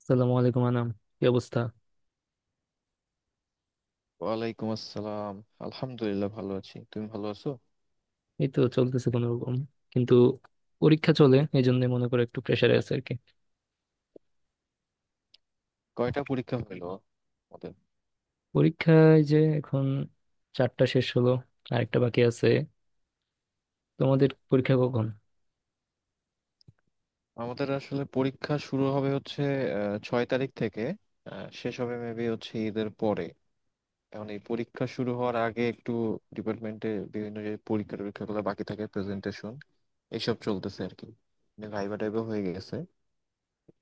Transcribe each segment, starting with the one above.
আসসালামু আলাইকুম আনাম, কি অবস্থা? ওয়ালাইকুম আসসালাম। আলহামদুলিল্লাহ, ভালো আছি। তুমি ভালো আছো? এই তো চলতেছে কোনো রকম, কিন্তু পরীক্ষা চলে, এই জন্য মনে করো একটু প্রেশারে আছে আর কি। কয়টা পরীক্ষা হলো আমাদের? পরীক্ষায় যে এখন চারটা শেষ হলো, আরেকটা বাকি আছে। তোমাদের পরীক্ষা কখন? আমাদের আসলে পরীক্ষা শুরু হবে হচ্ছে 6 তারিখ থেকে। শেষ হবে মেবি হচ্ছে ঈদের পরে। এখন এই পরীক্ষা শুরু হওয়ার আগে একটু ডিপার্টমেন্টে বিভিন্ন যে পরীক্ষা টরীক্ষাগুলো বাকি থাকে, প্রেজেন্টেশন, এইসব চলতেছে আর কি। মানে ভাইবা টাইবা হয়ে গেছে,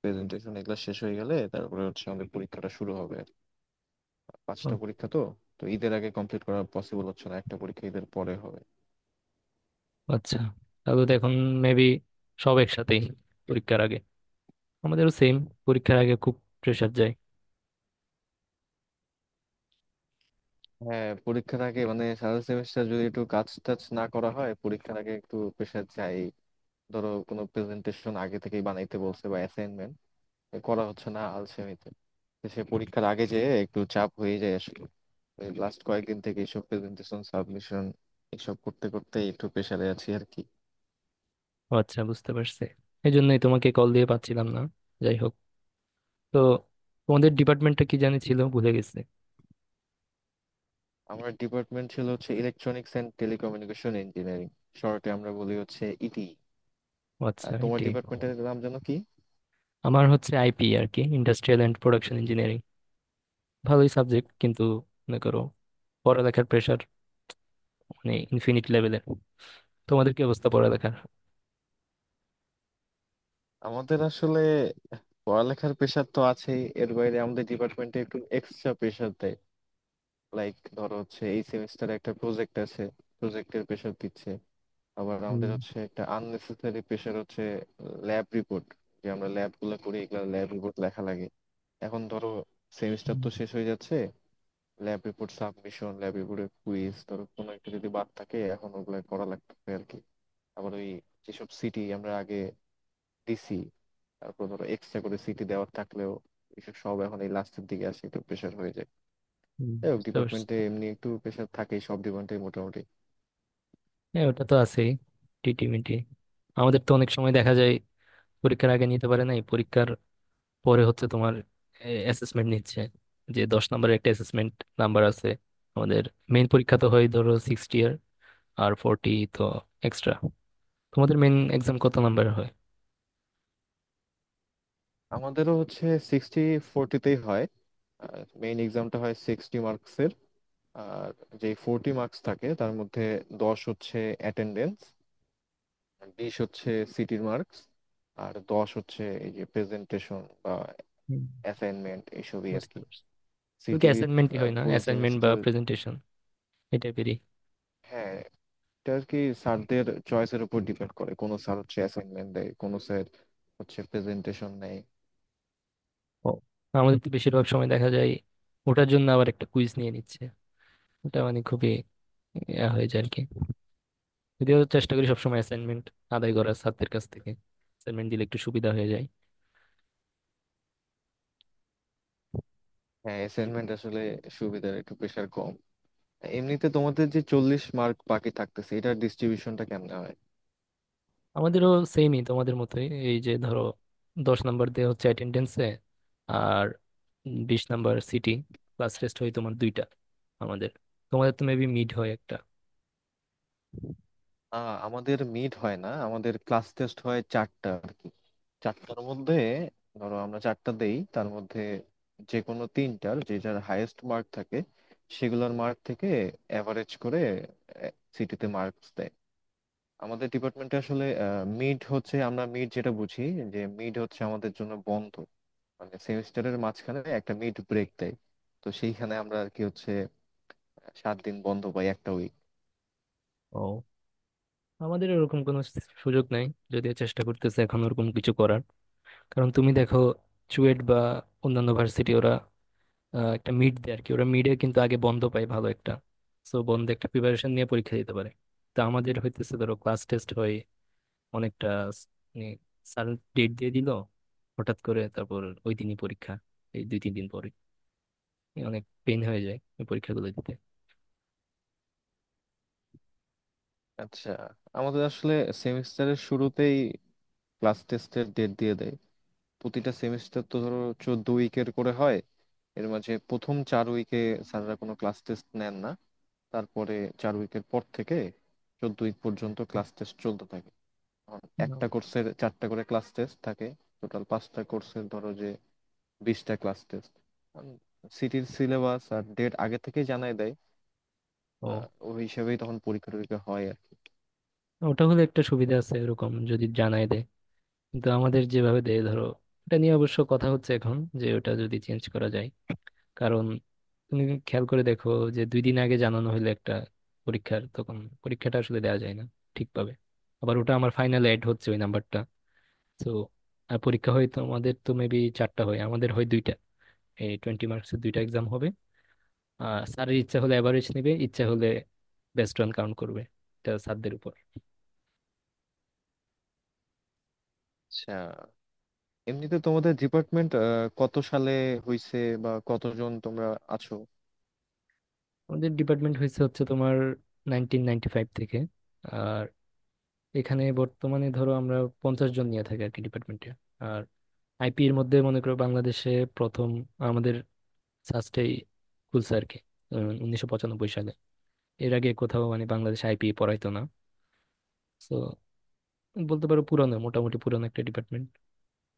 প্রেজেন্টেশন এগুলো শেষ হয়ে গেলে তারপরে হচ্ছে আমাদের পরীক্ষাটা শুরু হবে। ও, পাঁচটা পরীক্ষা তো। তো ঈদের আগে কমপ্লিট করা পসিবল হচ্ছে না, একটা পরীক্ষা ঈদের পরে হবে। আচ্ছা, তাহলে তো এখন মেবি সব একসাথেই পরীক্ষার আগে। আমাদেরও সেম, পরীক্ষার আগে খুব প্রেশার যায়। হ্যাঁ, পরীক্ষার আগে মানে সারা সেমিস্টার যদি একটু কাজ টাজ না করা হয় পরীক্ষার আগে একটু প্রেশার যায়। ধরো কোনো প্রেজেন্টেশন আগে থেকেই বানাইতে বলছে বা অ্যাসাইনমেন্ট করা হচ্ছে না আলসেমিতে। তো সে পরীক্ষার আগে যে একটু চাপ হয়ে যায় আসলে। লাস্ট কয়েকদিন থেকে এইসব প্রেজেন্টেশন সাবমিশন এসব করতে করতে একটু প্রেশারে আছি আর কি। ও আচ্ছা, বুঝতে পারছি। এই জন্যই তোমাকে কল দিয়ে পাচ্ছিলাম না। যাই হোক, তো তোমাদের ডিপার্টমেন্টটা কি জানি ছিল, ভুলে গেছে। আমার ডিপার্টমেন্ট ছিল হচ্ছে ইলেকট্রনিক্স অ্যান্ড টেলিকমিউনিকেশন ইঞ্জিনিয়ারিং। শর্টে আমরা বলি হচ্ছে ইটি। ও আচ্ছা, আর তোমার এটাই। ডিপার্টমেন্টের নাম যেন কি? আমার হচ্ছে আইপি আর কি, ইন্ডাস্ট্রিয়াল এন্ড প্রোডাকশন ইঞ্জিনিয়ারিং। ভালোই সাবজেক্ট কিন্তু, মনে করো পড়ালেখার প্রেশার মানে ইনফিনিট লেভেলের। তোমাদের কি অবস্থা পড়ালেখার? আমাদের আসলে পড়ালেখার প্রেশার তো আছেই, এর বাইরে আমাদের ডিপার্টমেন্টে একটু এক্সট্রা প্রেশার দেয়। লাইক ধরো হচ্ছে এই সেমিস্টারে একটা প্রজেক্ট আছে, প্রজেক্টের প্রেশার দিচ্ছে। আবার হুম। আমাদের হচ্ছে একটা আননেসেসারি প্রেশার হচ্ছে ল্যাব রিপোর্ট। যে আমরা ল্যাব গুলো করি এগুলো ল্যাব রিপোর্ট লেখা লাগে। এখন ধরো সেমিস্টার হুম। তো শেষ হয়ে যাচ্ছে, ল্যাব রিপোর্ট সাবমিশন, ল্যাব রিপোর্টের কুইজ, ধরো কোনো একটা যদি বাদ থাকে এখন ওগুলো করা লাগবে আর কি। আবার ওই যেসব সিটি আমরা আগে ডিসি, তারপর ধরো এক্সট্রা করে সিটি দেওয়ার থাকলেও এসব সব এখন এই লাস্টের দিকে আসে, একটু প্রেশার হয়ে যায়। হুম, যাই হোক, বুঝতে পারছো। ডিপার্টমেন্টে এমনি একটু প্রেশার থাকেই সব ডিপার্টমেন্টে মোটামুটি। হ্যাঁ, ওটা তো আছেই। টিটি মিটি আমাদের তো অনেক সময় দেখা যায়, পরীক্ষার আগে নিতে পারে নাই, পরীক্ষার পরে হচ্ছে তোমার অ্যাসেসমেন্ট নিচ্ছে, যে 10 নম্বরের একটা অ্যাসেসমেন্ট নাম্বার আছে আমাদের। মেইন পরীক্ষা তো হয় ধরো 60 ইয়ার, আর 40, তো এক্সট্রা। তোমাদের মেইন এক্সাম কত নাম্বার? আমাদেরও হচ্ছে সিক্সটি ফোরটিতেই হয়। মেইন এক্সামটা হয় সিক্সটি মার্কসের। আর যে ফোরটি মার্কস থাকে তার মধ্যে দশ হচ্ছে অ্যাটেন্ডেন্স, বিশ হচ্ছে সিটির মার্কস, আর দশ হচ্ছে এই যে প্রেজেন্টেশন বা হয়। অ্যাসাইনমেন্ট এইসবই আর বুঝতে কি। পারছি। শুধু কি সিটির অ্যাসাইনমেন্টই হয় না, ফুল অ্যাসাইনমেন্ট বা সেমিস্টার। প্রেজেন্টেশন? এই টাইপেরই? হ্যাঁ, এটা আর কি, স্যারদের চয়েসের উপর ডিপেন্ড করে কোনো স্যার হচ্ছে অ্যাসাইনমেন্ট দেয় কোনো স্যার হচ্ছে প্রেজেন্টেশন নেয়। ও, আমাদের তো বেশিরভাগ সময় দেখা যায় ওটার জন্য আবার একটা কুইজ নিয়ে নিচ্ছে। ওটা মানে খুবই ইয়া হয়ে যায় আর কি। যদিও চেষ্টা করি সবসময় অ্যাসাইনমেন্ট আদায় করার ছাত্রদের কাছ থেকে, অ্যাসাইনমেন্ট দিলে একটু সুবিধা হয়ে যায়। হ্যাঁ, অ্যাসাইনমেন্ট আসলে সুবিধার, একটু প্রেশার কম। তা এমনিতে তোমাদের যে 40 মার্ক বাকি থাকতেছে এটার ডিস্ট্রিবিউশনটা কেমনে হয়? আমাদেরও সেমই, তোমাদের মতোই এই যে ধরো 10 নাম্বার দেওয়া হচ্ছে অ্যাটেন্ডেন্সে, আর 20 নাম্বার সিটি। ক্লাস টেস্ট হয় তোমার দুইটা আমাদের। তোমাদের তো মেবি মিড হয় একটা? আমাদের মিড হয় না, আমাদের ক্লাস টেস্ট হয় চারটা আর কি। চারটার মধ্যে ধরো আমরা চারটা দেই, তার মধ্যে যে কোনো তিনটার যে যার হাইয়েস্ট মার্ক থাকে সেগুলোর মার্ক থেকে অ্যাভারেজ করে সিটিতে মার্কস দেয়। আমাদের ডিপার্টমেন্টে আসলে মিড হচ্ছে, আমরা মিড যেটা বুঝি যে মিড হচ্ছে আমাদের জন্য বন্ধ, মানে সেমিস্টারের মাঝখানে একটা মিড ব্রেক দেয়। তো সেইখানে আমরা আর কি হচ্ছে 7 দিন বন্ধ পাই, একটা উইক। ও, আমাদের এরকম কোনো সুযোগ নাই। যদিও চেষ্টা করতেছে এখন ওরকম কিছু করার, কারণ তুমি দেখো চুয়েট বা অন্যান্য ভার্সিটি ওরা একটা মিড দেয় আর কি, ওরা মিডে কিন্তু আগে বন্ধ পায় ভালো একটা। সো বন্ধে একটা প্রিপারেশন নিয়ে পরীক্ষা দিতে পারে। তো আমাদের হইতেছে ধরো ক্লাস টেস্ট হয় অনেকটা স্যার ডেট দিয়ে দিল হঠাৎ করে, তারপর ওই দিনই পরীক্ষা, এই দুই তিন দিন পরে। অনেক পেন হয়ে যায় এই পরীক্ষাগুলো দিতে। আচ্ছা, আমাদের আসলে সেমিস্টারের শুরুতেই ক্লাস টেস্টের ডেট দিয়ে দেয়। প্রতিটা সেমিস্টার তো ধরো 14 উইকের করে হয়। এর মাঝে প্রথম 4 উইকে স্যাররা কোনো ক্লাস টেস্ট নেন না। তারপরে 4 উইকের পর থেকে 14 উইক পর্যন্ত ক্লাস টেস্ট চলতে থাকে। একটা কোর্সের চারটা করে ক্লাস টেস্ট থাকে। টোটাল পাঁচটা কোর্সের ধরো যে 20টা ক্লাস টেস্ট। সিটির সিলেবাস আর ডেট আগে থেকে জানাই দেয়। ও, ওই হিসেবেই তখন পরীক্ষা টরীক্ষা হয় আর কি। ওটা হলে একটা সুবিধা আছে এরকম যদি জানাই দেয়, কিন্তু আমাদের যেভাবে দেয় ধরো, এটা নিয়ে অবশ্য কথা হচ্ছে এখন যে ওটা যদি চেঞ্জ করা যায়। কারণ তুমি খেয়াল করে দেখো যে দুই দিন আগে জানানো হলে একটা পরীক্ষার, তখন পরীক্ষাটা আসলে দেওয়া যায় না ঠিকভাবে। আবার ওটা আমার ফাইনালে অ্যাড হচ্ছে ওই নাম্বারটা। তো পরীক্ষা হয় তো আমাদের তো মেবি চারটা হয়, আমাদের হয় দুইটা, এই 20 মার্কসের দুইটা এক্সাম হবে। আর স্যারের ইচ্ছা হলে অ্যাভারেজ নেবে, ইচ্ছা হলে বেস্ট রান কাউন্ট করবে। এটা স্যারদের উপর। আচ্ছা, এমনিতে তোমাদের ডিপার্টমেন্ট কত সালে হইছে বা কতজন তোমরা আছো? আমাদের ডিপার্টমেন্ট হয়েছে হচ্ছে তোমার 1995 থেকে। আর এখানে বর্তমানে ধরো আমরা 50 জন নিয়ে থাকি আর কি ডিপার্টমেন্টে। আর আইপি এর মধ্যে মনে করো বাংলাদেশে প্রথম আমাদের সাস্টেই খুলছে আর কি, 1995 সালে। এর আগে কোথাও মানে বাংলাদেশে আইপি পড়াইতো না। তো বলতে পারো পুরানো, মোটামুটি পুরানো একটা ডিপার্টমেন্ট।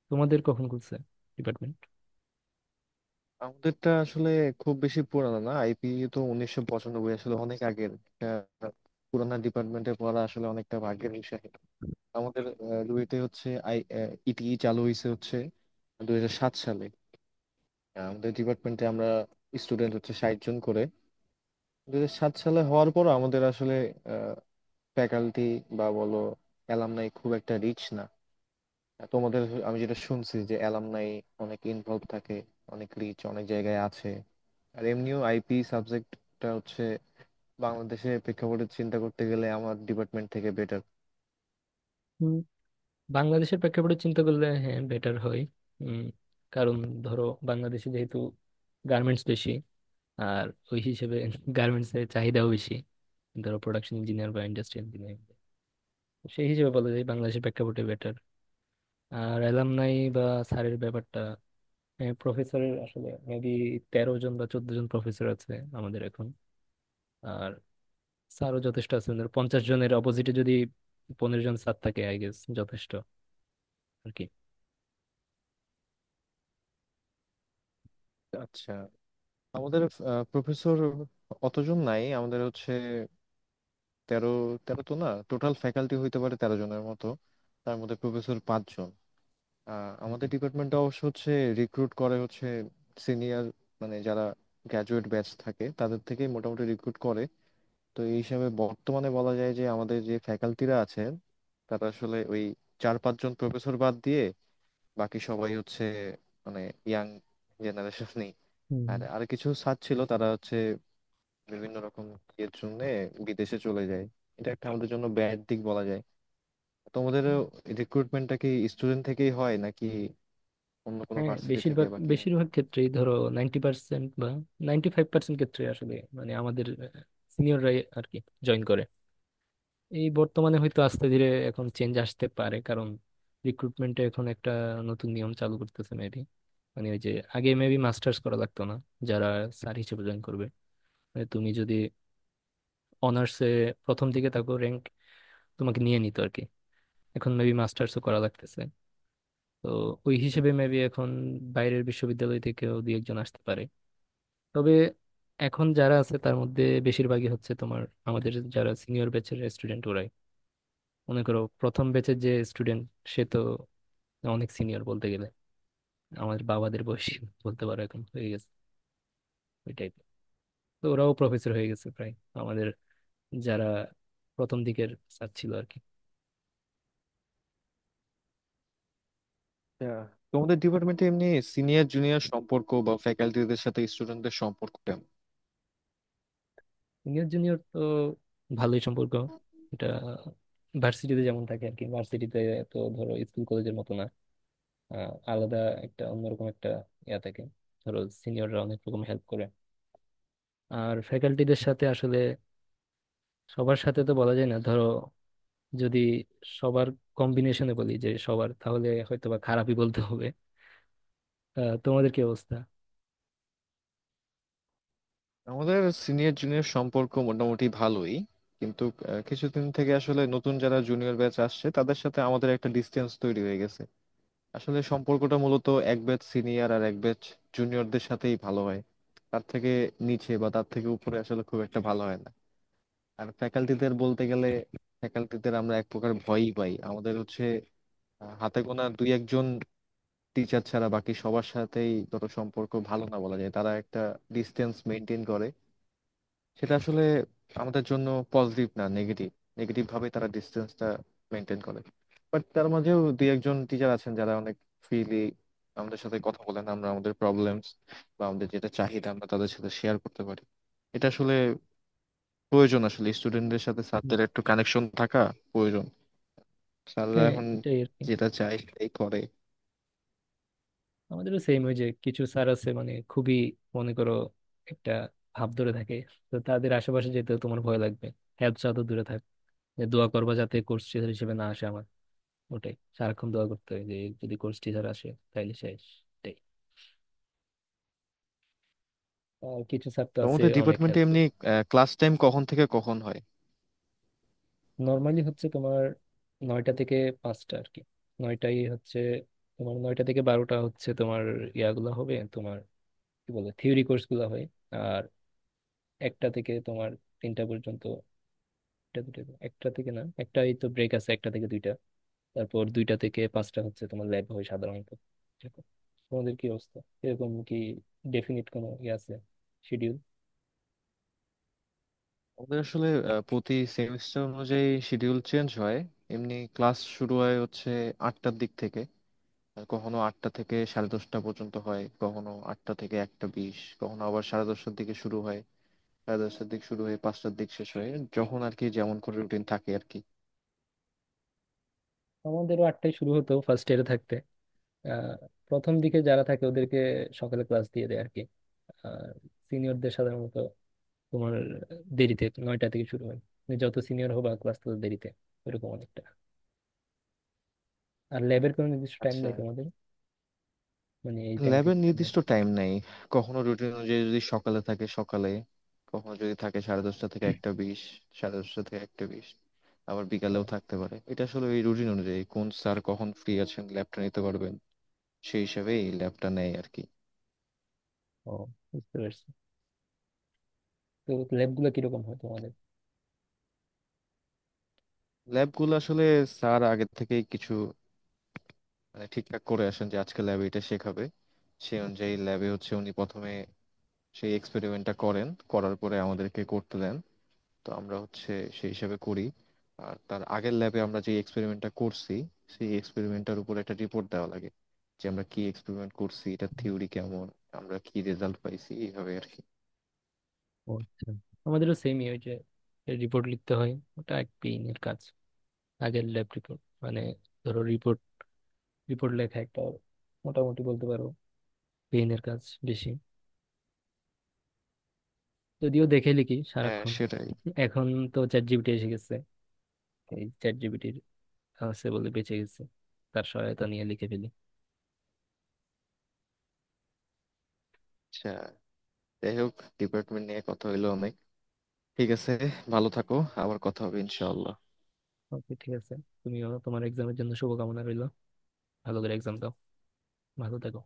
তোমাদের কখন খুলছে ডিপার্টমেন্ট? আমাদেরটা আসলে খুব বেশি পুরানো না আইপি, তো 1995 আসলে অনেক আগের। আহ, পুরানা ডিপার্টমেন্টে পড়া আসলে অনেকটা ভাগ্যের বিষয়। আমাদের রুয়েটে হচ্ছে আই ইটি চালু হয়েছে হচ্ছে 2007 সালে। আমাদের ডিপার্টমেন্টে আমরা স্টুডেন্ট হচ্ছে 60 জন করে। দুই হাজার সাত সালে হওয়ার পর আমাদের আসলে ফ্যাকাল্টি বা বলো অ্যালামনাই খুব একটা রিচ না। তোমাদের আমি যেটা শুনছি যে অ্যালামনাই অনেক ইনভলভ থাকে, অনেক রিচ, অনেক জায়গায় আছে। আর এমনিও আইপি সাবজেক্টটা হচ্ছে বাংলাদেশে প্রেক্ষাপটে চিন্তা করতে গেলে আমার ডিপার্টমেন্ট থেকে বেটার। হুম, বাংলাদেশের প্রেক্ষাপটে চিন্তা করলে হ্যাঁ বেটার হয়। উম, কারণ ধরো বাংলাদেশে যেহেতু গার্মেন্টস বেশি, আর ওই হিসেবে গার্মেন্টস এর চাহিদাও বেশি, ধরো প্রোডাকশন ইঞ্জিনিয়ার বা ইন্ডাস্ট্রি ইঞ্জিনিয়ার, সেই হিসেবে বলা যায় বাংলাদেশের প্রেক্ষাপটে বেটার। আর অ্যালামনাই বা স্যারের ব্যাপারটা, প্রফেসরের আসলে মেবি 13 জন বা 14 জন প্রফেসর আছে আমাদের এখন। আর স্যারও যথেষ্ট আছে, ওদের 50 জনের অপোজিটে যদি 15 জন স্যার থাকে, আই গেস যথেষ্ট আর কি। আচ্ছা, আমাদের প্রফেসর অতজন নাই, আমাদের হচ্ছে তেরো, তেরো তো না, টোটাল ফ্যাকাল্টি হইতে পারে তেরো জনের মতো। তার মধ্যে প্রফেসর পাঁচজন। আমাদের হুম। ডিপার্টমেন্টটা অবশ্য হচ্ছে রিক্রুট করে হচ্ছে সিনিয়র, মানে যারা গ্র্যাজুয়েট ব্যাচ থাকে তাদের থেকেই মোটামুটি রিক্রুট করে। তো এই হিসাবে বর্তমানে বলা যায় যে আমাদের যে ফ্যাকাল্টিরা আছেন তারা আসলে ওই চার পাঁচজন প্রফেসর বাদ দিয়ে বাকি সবাই হচ্ছে মানে ইয়াং জেনারেশনই। হুম। আর আর কিছু স্যার ছিল, তারা হচ্ছে বিভিন্ন রকম ইয়ের জন্য বিদেশে চলে যায়। এটা একটা আমাদের জন্য ব্যাড দিক বলা যায়। তোমাদের রিক্রুটমেন্টটা কি স্টুডেন্ট থেকেই হয় নাকি অন্য কোনো হ্যাঁ, ভার্সিটি থেকে বেশিরভাগ বা কিভাবে? বেশিরভাগ ক্ষেত্রেই ধরো 90% বা 95% ক্ষেত্রে আসলে মানে আমাদের সিনিয়ররাই আর কি জয়েন করে। এই বর্তমানে হয়তো আস্তে ধীরে এখন চেঞ্জ আসতে পারে, কারণ রিক্রুটমেন্টে এখন একটা নতুন নিয়ম চালু করতেছে মেবি। মানে ওই যে আগে মেবি মাস্টার্স করা লাগতো না যারা স্যার হিসেবে জয়েন করবে, মানে তুমি যদি অনার্সে প্রথম দিকে থাকো র্যাঙ্ক, তোমাকে নিয়ে নিত আর কি। এখন মেবি মাস্টার্সও করা লাগতেছে। তো ওই হিসেবে মেবি এখন বাইরের বিশ্ববিদ্যালয় থেকেও দুই একজন আসতে পারে। তবে এখন যারা আছে তার মধ্যে বেশিরভাগই হচ্ছে তোমার আমাদের যারা সিনিয়র ব্যাচের স্টুডেন্ট ওরাই। মনে করো প্রথম ব্যাচের যে স্টুডেন্ট, সে তো অনেক সিনিয়র বলতে গেলে আমাদের বাবাদের বয়সী বলতে পারো এখন হয়ে গেছে, ওই টাইপের। তো ওরাও প্রফেসর হয়ে গেছে প্রায়, আমাদের যারা প্রথম দিকের স্যার ছিল আর কি। আহ, তোমাদের ডিপার্টমেন্টে এমনি সিনিয়র জুনিয়র সম্পর্ক বা ফ্যাকাল্টিদের সাথে স্টুডেন্টদের সম্পর্ক কেমন? সিনিয়র জুনিয়র তো ভালোই সম্পর্ক। এটা ভার্সিটিতে যেমন থাকে আর কি ভার্সিটিতে, তো ধরো স্কুল কলেজের মতো না। আলাদা একটা, অন্যরকম একটা ইয়া থাকে। ধরো সিনিয়ররা অনেক রকম হেল্প করে। আর ফ্যাকাল্টিদের সাথে আসলে সবার সাথে তো বলা যায় না, ধরো যদি সবার কম্বিনেশনে বলি যে সবার, তাহলে হয়তোবা খারাপই বলতে হবে। তোমাদের কি অবস্থা? আমাদের সিনিয়র জুনিয়র সম্পর্ক মোটামুটি ভালোই, কিন্তু কিছুদিন থেকে আসলে নতুন যারা জুনিয়র ব্যাচ আসছে তাদের সাথে আমাদের একটা ডিসটেন্স তৈরি হয়ে গেছে। আসলে সম্পর্কটা মূলত এক ব্যাচ সিনিয়র আর এক ব্যাচ জুনিয়রদের সাথেই ভালো হয়। তার থেকে নিচে বা তার থেকে উপরে আসলে খুব একটা ভালো হয় না। আর ফ্যাকাল্টিদের বলতে গেলে ফ্যাকাল্টিদের আমরা এক প্রকার ভয়ই পাই। আমাদের হচ্ছে হাতে গোনা দুই একজন টিচার ছাড়া বাকি সবার সাথেই ধরো সম্পর্ক ভালো না বলা যায়, তারা একটা ডিসটেন্স মেনটেন করে। সেটা আসলে আমাদের জন্য পজিটিভ না নেগেটিভ, নেগেটিভ ভাবে তারা ডিস্টেন্সটা মেনটেন করে। বাট তার মাঝেও দুই একজন টিচার আছেন যারা অনেক ফ্রিলি আমাদের সাথে কথা বলেন। আমরা আমাদের প্রবলেমস বা আমাদের যেটা চাহিদা আমরা তাদের সাথে শেয়ার করতে পারি। এটা আসলে প্রয়োজন, আসলে স্টুডেন্টদের সাথে স্যারদের একটু কানেকশন থাকা প্রয়োজন। স্যাররা হ্যাঁ, এখন এটাই আর কি। যেটা চায় সেটাই করে। আমাদেরও সেম, ওই যে কিছু স্যার আছে মানে খুবই, মনে করো একটা ভাব ধরে থাকে। তো তাদের আশেপাশে যেতেও তোমার ভয় লাগবে, হেল্প চাও তো দূরে থাক। যে দোয়া করবা যাতে কোর্স টিচার হিসেবে না আসে আমার। ওটাই সারাক্ষণ দোয়া করতে হয় যে যদি কোর্স টিচার আসে তাহলে শেষ। এটাই। আর কিছু স্যার তো তো আছে আমাদের অনেক ডিপার্টমেন্টে হেল্পফুল। এমনি ক্লাস টাইম কখন থেকে কখন হয়? নর্মালি হচ্ছে তোমার নয়টা থেকে পাঁচটা আর কি। নয়টাই হচ্ছে তোমার, নয়টা থেকে বারোটা হচ্ছে তোমার ইয়াগুলো হবে তোমার কি বলে থিওরি কোর্স গুলো হয়। একটা থেকে তোমার তিনটা পর্যন্ত, একটা দুটো, একটা থেকে না একটা, এই তো ব্রেক আছে একটা থেকে দুইটা। তারপর দুইটা থেকে পাঁচটা হচ্ছে তোমার ল্যাব হয় সাধারণত, এরকম। তোমাদের কি অবস্থা? এরকম কি ডেফিনিট কোনো ইয়ে আছে, শিডিউল? আমাদের আসলে প্রতি সেমিস্টার অনুযায়ী শিডিউল চেঞ্জ হয়। এমনি ক্লাস শুরু হয় হচ্ছে 8টার দিক থেকে। আর কখনো 8টা থেকে 10:30 পর্যন্ত হয়, কখনো 8টা থেকে 1:20, কখনো আবার 10:30টার দিকে শুরু হয়। 10:30টার দিক শুরু হয়ে 5টার দিক শেষ হয়। যখন আর কি যেমন করে রুটিন থাকে আর কি। আমাদেরও আটটায় শুরু হতো ফার্স্ট ইয়ারে থাকতে। আহ, প্রথম দিকে যারা থাকে ওদেরকে সকালে ক্লাস দিয়ে দেয় আর কি। আর সিনিয়রদের সাধারণত তোমার দেরিতে নয়টা থেকে শুরু হয়, তুমি যত সিনিয়র হবা ক্লাস তত দেরিতে, এরকম অনেকটা। আর ল্যাবের কোনো নির্দিষ্ট টাইম আচ্ছা, নেই তোমাদের, মানে এই টাইম ল্যাবের থেকে সামনে নির্দিষ্ট আসবে। টাইম নাই। কখনো রুটিন অনুযায়ী যদি সকালে থাকে সকালে, কখনো যদি থাকে 10:30 থেকে 1:20, 10:30 থেকে 1:20, আবার ও। বিকালেও থাকতে পারে। এটা আসলে এই রুটিন অনুযায়ী কোন স্যার কখন ফ্রি আছেন ল্যাবটা নিতে পারবেন, সেই হিসাবে এই ল্যাবটা নেয় আর কি। ও, বুঝতে পারছি। তো ল্যাব গুলো কিরকম হয় তোমাদের? ল্যাবগুলো আসলে স্যার আগে থেকেই কিছু মানে ঠিকঠাক করে আসেন যে আজকে ল্যাবে এটা শেখাবে। সেই অনুযায়ী ল্যাবে হচ্ছে উনি প্রথমে সেই এক্সপেরিমেন্টটা করেন, করার পরে আমাদেরকে করতে দেন। তো আমরা হচ্ছে সেই হিসাবে করি। আর তার আগের ল্যাবে আমরা যে এক্সপেরিমেন্টটা করছি সেই এক্সপেরিমেন্টটার উপর একটা রিপোর্ট দেওয়া লাগে। যে আমরা কি এক্সপেরিমেন্ট করছি, এটার থিওরি কেমন, আমরা কি রেজাল্ট পাইছি, এইভাবে আর কি। ও আচ্ছা, আমাদেরও সেমই ওই যে রিপোর্ট লিখতে হয়, ওটা এক পেইন এর কাজ। আগের ল্যাব রিপোর্ট মানে, ধরো রিপোর্ট রিপোর্ট লেখা একটা মোটামুটি বলতে পারো পেইন এর কাজ বেশি, যদিও দেখে লিখি হ্যাঁ, সারাক্ষণ। সেটাই। এখন তো চ্যাট জিপিটি এসে গেছে, এই চ্যাট জিপিটির আছে বলে বেঁচে গেছে, তার সহায়তা নিয়ে লিখে ফেলি। আচ্ছা, যাই হোক, ডিপার্টমেন্ট নিয়ে কথা হইলো অনেক। ঠিক আছে, ভালো থাকো, আবার কথা হবে ইনশাআল্লাহ। ওকে, ঠিক আছে। তুমিও তোমার এক্সামের জন্য শুভকামনা রইলো। ভালো করে এক্সাম দাও। ভালো থেকো।